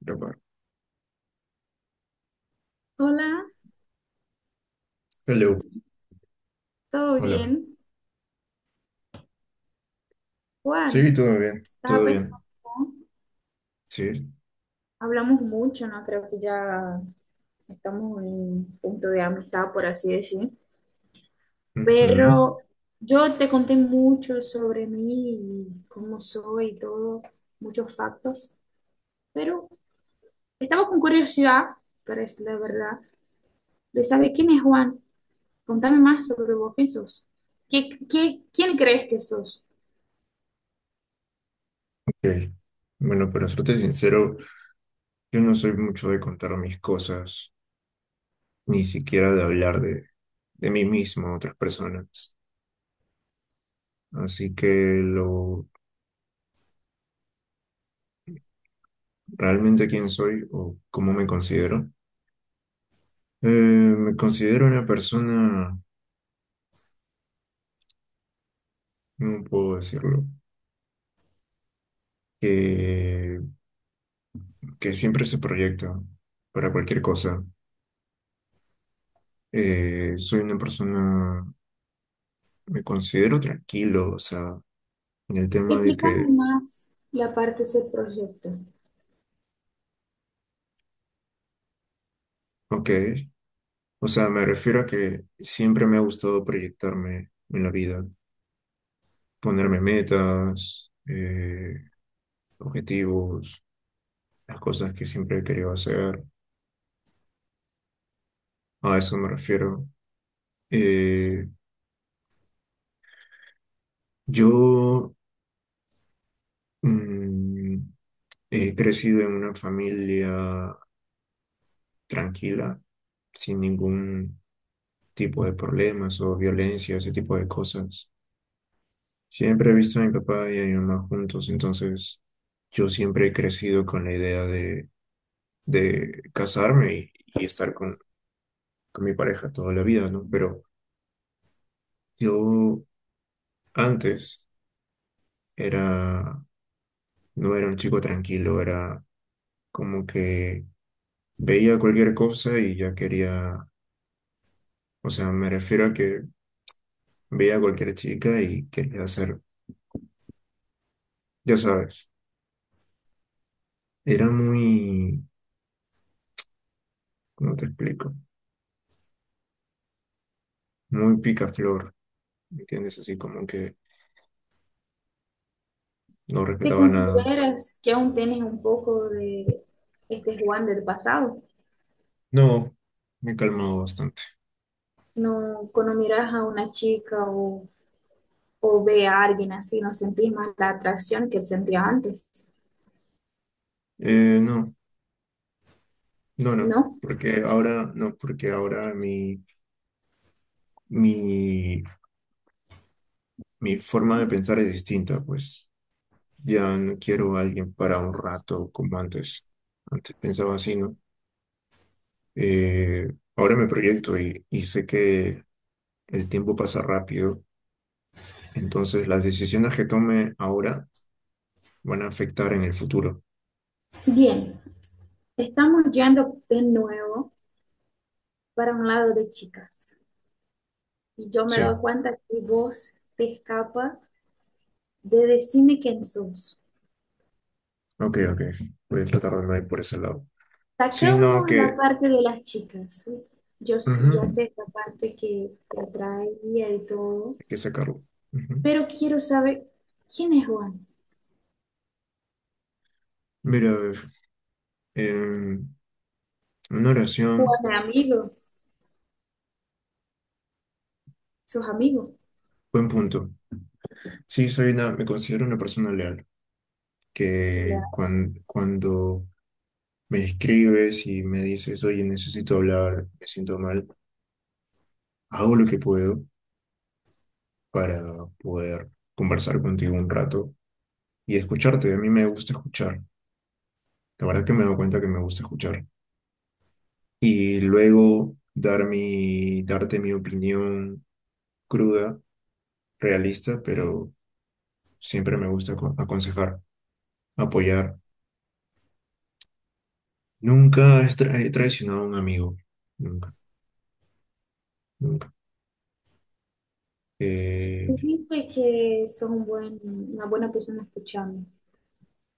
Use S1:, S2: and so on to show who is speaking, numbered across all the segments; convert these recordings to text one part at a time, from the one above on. S1: Grabar.
S2: Hola,
S1: Hello,
S2: ¿todo
S1: hola.
S2: bien? Juan,
S1: Sí, todo bien,
S2: estaba
S1: todo
S2: pensando,
S1: bien. Sí,
S2: hablamos mucho, ¿no? Creo que ya estamos en un punto de amistad, por así decir,
S1: ujú.
S2: pero yo te conté mucho sobre mí y cómo soy y todo, muchos factos, pero estaba con curiosidad, pero es la verdad, de saber quién es Juan. Contame más sobre vos, ¿quién sos? ¿ quién crees que sos?
S1: Ok, bueno, para serte sincero, yo no soy mucho de contar mis cosas, ni siquiera de mí mismo a otras personas. Así que lo realmente quién soy o cómo me considero. Me considero una persona, no puedo decirlo, que, que siempre se proyecta para cualquier cosa. Soy una persona. Me considero tranquilo, o sea, en el tema
S2: Explícame más la parte de ese proyecto.
S1: ok, o sea, me refiero a que siempre me ha gustado proyectarme en la vida, ponerme metas, objetivos, las cosas que siempre he querido hacer, a eso me refiero. Eh, yo mm, He crecido en una familia tranquila, sin ningún tipo de problemas o violencia, ese tipo de cosas. Siempre he visto a mi papá y a mi mamá juntos, entonces yo siempre he crecido con la idea de casarme y estar con mi pareja toda la vida, ¿no? Pero yo antes era, no era un chico tranquilo, era como que veía cualquier cosa y ya quería, o sea, me refiero a que veía a cualquier chica y quería hacer, ya sabes, era muy, ¿cómo te explico? Muy picaflor, ¿me entiendes? Así como que no
S2: ¿Te
S1: respetaba nada.
S2: consideras que aún tienes un poco de este Juan del pasado?
S1: No, me he calmado bastante.
S2: No, cuando miras a una chica o ve a alguien así, no sentís más la atracción que sentías antes,
S1: No, no, no.
S2: ¿no?
S1: Porque ahora, no, porque ahora mi, mi forma de pensar es distinta, pues. Ya no quiero a alguien para un rato como antes. Antes pensaba así, ¿no? Ahora me proyecto y sé que el tiempo pasa rápido. Entonces las decisiones que tome ahora van a afectar en el futuro.
S2: Bien, estamos yendo de nuevo para un lado de chicas. Y yo me doy
S1: Sí,
S2: cuenta que vos te escapa de decirme quién sos.
S1: ok, ok. Voy a tratar de no ir por ese lado. Sí, no,
S2: Sacamos la
S1: que
S2: parte de las chicas. Ya
S1: ujú,
S2: sé esta parte que te atraía y todo.
S1: hay que sacarlo. Ujú.
S2: Pero quiero saber quién es Juan.
S1: Mira, a ver, em, una
S2: Juan
S1: oración,
S2: es amigo, sus amigos,
S1: buen punto. Sí, soy una, me considero una persona leal,
S2: sus leales.
S1: cuando me escribes y me dices, oye, necesito hablar, me siento mal, hago lo que puedo para poder conversar contigo un rato y escucharte. A mí me gusta escuchar. La verdad que me doy cuenta que me gusta escuchar. Y luego darte mi opinión cruda, realista, pero siempre me gusta aconsejar, apoyar. Nunca he traicionado a un amigo. Nunca, nunca. Eh,
S2: Dijiste que son un buen, una buena persona escuchando,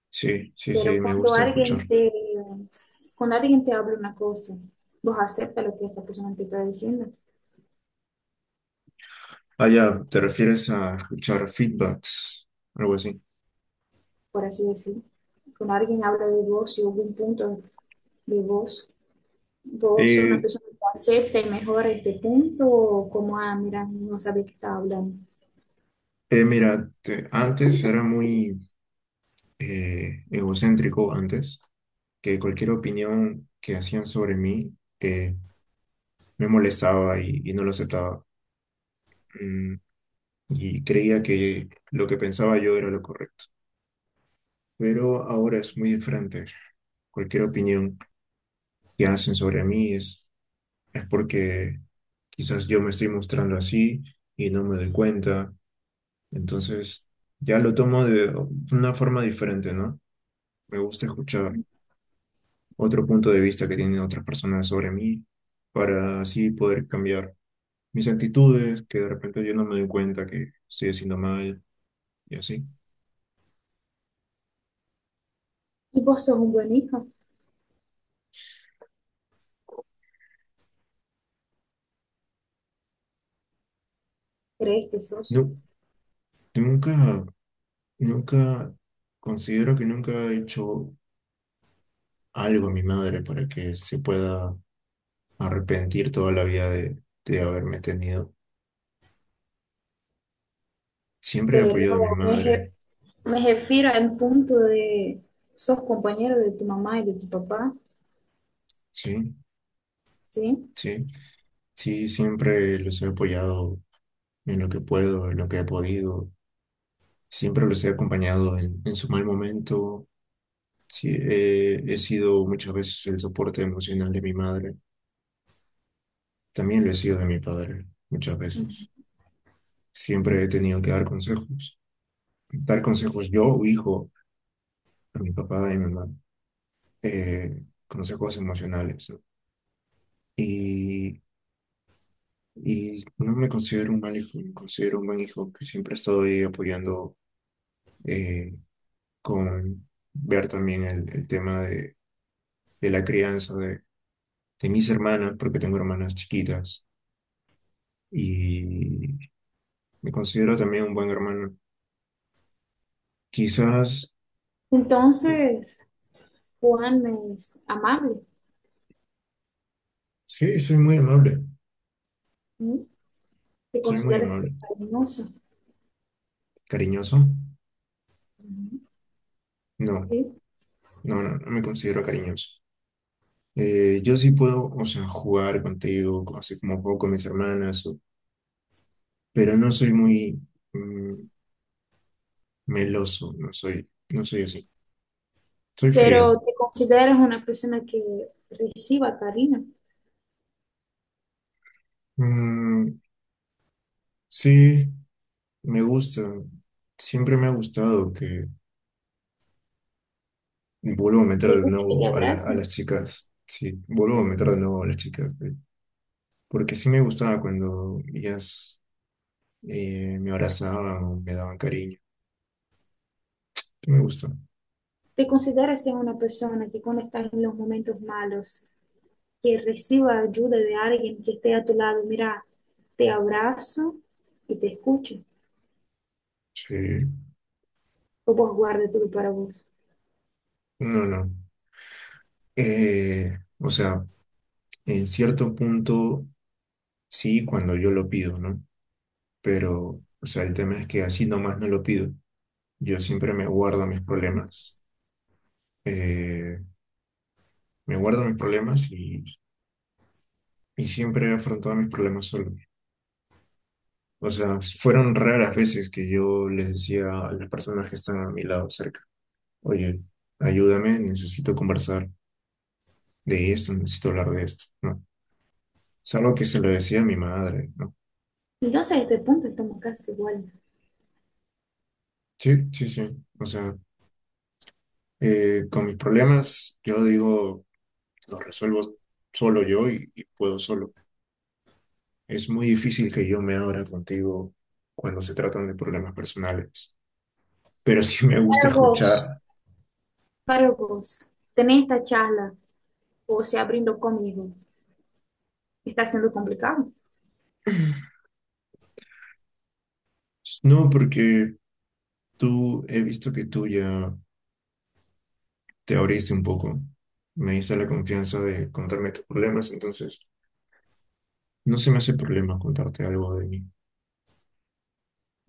S1: sí, sí, sí,
S2: pero
S1: me
S2: cuando
S1: gusta
S2: alguien
S1: escuchar.
S2: cuando alguien te habla una cosa, vos aceptas lo que esta persona te está diciendo,
S1: Ah, ya, te refieres a escuchar feedbacks, algo así.
S2: por así decirlo. Cuando alguien habla de vos y hubo un punto de vos, vos sos una
S1: Eh,
S2: persona que acepta y mejora este punto, o como, ah, mira, no sabe qué está hablando.
S1: Mira, antes era muy egocéntrico, antes, que cualquier opinión que hacían sobre mí me molestaba y no lo aceptaba. Mm, y creía que lo que pensaba yo era lo correcto. Pero ahora es muy diferente. Cualquier opinión que hacen sobre mí es porque quizás yo me estoy mostrando así y no me doy cuenta. Entonces, ya lo tomo de una forma diferente, ¿no? Me gusta escuchar otro punto de vista que tienen otras personas sobre mí para así poder cambiar mis actitudes, que de repente yo no me doy cuenta que estoy haciendo mal y así.
S2: Y vos sos un buen hijo, crees que sos,
S1: No, nunca, nunca, considero que nunca he hecho algo a mi madre para que se pueda arrepentir toda la vida de haberme tenido. Siempre he
S2: pero
S1: apoyado a mi madre,
S2: me refiero al punto de sos compañero de tu mamá y de tu papá,
S1: sí,
S2: ¿sí?
S1: sí, sí, siempre los he apoyado en lo que puedo, en lo que he podido, siempre los he acompañado en su mal momento, sí, he sido muchas veces el soporte emocional de mi madre, también lo he sido de mi padre, muchas
S2: Ujú.
S1: veces. Siempre he tenido que dar consejos yo, hijo, a mi papá y a mi mamá. Consejos emocionales, ¿no? Y, y no me considero un mal hijo, me considero un buen hijo que siempre estoy apoyando, eh, con ver también el tema de la crianza de mis hermanas, porque tengo hermanas chiquitas, y me considero también un buen hermano. Quizás,
S2: Entonces, Juan es amable,
S1: sí, soy muy amable,
S2: ¿sí? Te
S1: soy muy
S2: consideras
S1: amable.
S2: cariñoso,
S1: ¿Cariñoso? No,
S2: ¿sí?
S1: no, no, no me considero cariñoso. Yo sí puedo, o sea, jugar contigo, así como juego con mis hermanas, pero no soy muy mm, meloso, no soy, no soy así, soy frío.
S2: Pero te consideras una persona que reciba cariño,
S1: Mm, sí, me gusta, siempre me ha gustado que, vuelvo a meter
S2: te
S1: de
S2: gusta que te
S1: nuevo a, a las
S2: abracen,
S1: chicas, sí, vuelvo a meter de nuevo a las chicas, porque sí me gustaba cuando ellas me abrazaban o me daban cariño, sí me gusta,
S2: te consideras ser una persona que cuando estás en los momentos malos, que reciba ayuda de alguien que esté a tu lado, mira, te abrazo y te escucho,
S1: sí,
S2: o vos guarda todo para vos.
S1: no, no. O sea, en cierto punto, sí, cuando yo lo pido, ¿no? Pero, o sea, el tema es que así nomás no lo pido. Yo siempre me guardo mis problemas. Eh, Me guardo mis problemas y siempre he afrontado mis problemas solo. O sea, fueron raras veces que yo les decía a las personas que están a mi lado cerca, oye, ayúdame, necesito conversar de esto, necesito hablar de esto, ¿no? Salvo que se lo decía a mi madre, ¿no?
S2: Entonces, a este punto estamos casi iguales.
S1: Sí, sí, sí. O sea, con mis problemas, yo digo lo resuelvo solo yo y puedo solo. Es muy difícil que yo me abra contigo cuando se tratan de problemas personales, pero sí me gusta
S2: Para vos,
S1: escuchar.
S2: Para vos, tenés esta charla o se abriendo conmigo, ¿está siendo complicado?
S1: No, porque tú, he visto que tú ya te abriste un poco, me diste la confianza de contarme tus problemas, entonces no se me hace problema contarte algo de mí.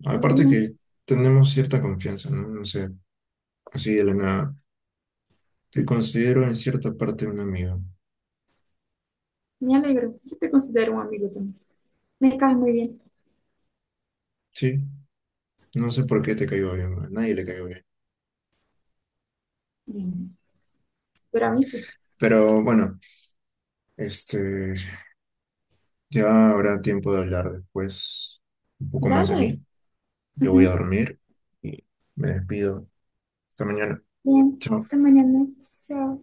S1: Aparte
S2: Muy
S1: que tenemos cierta confianza, ¿no? No sé, así de la nada. Te considero en cierta parte un amigo.
S2: bien, me alegro. Yo te considero un amigo también. Me caes muy bien.
S1: Sí, no sé por qué te caigo bien, a nadie le caigo bien.
S2: Bien, pero a mí sí.
S1: Pero bueno, este, ya habrá tiempo de hablar después un poco más de
S2: Dale.
S1: mí. Yo voy a
S2: Ujú.
S1: dormir y me despido. Hasta mañana.
S2: Bien,
S1: Chao.
S2: hasta mañana. Chao.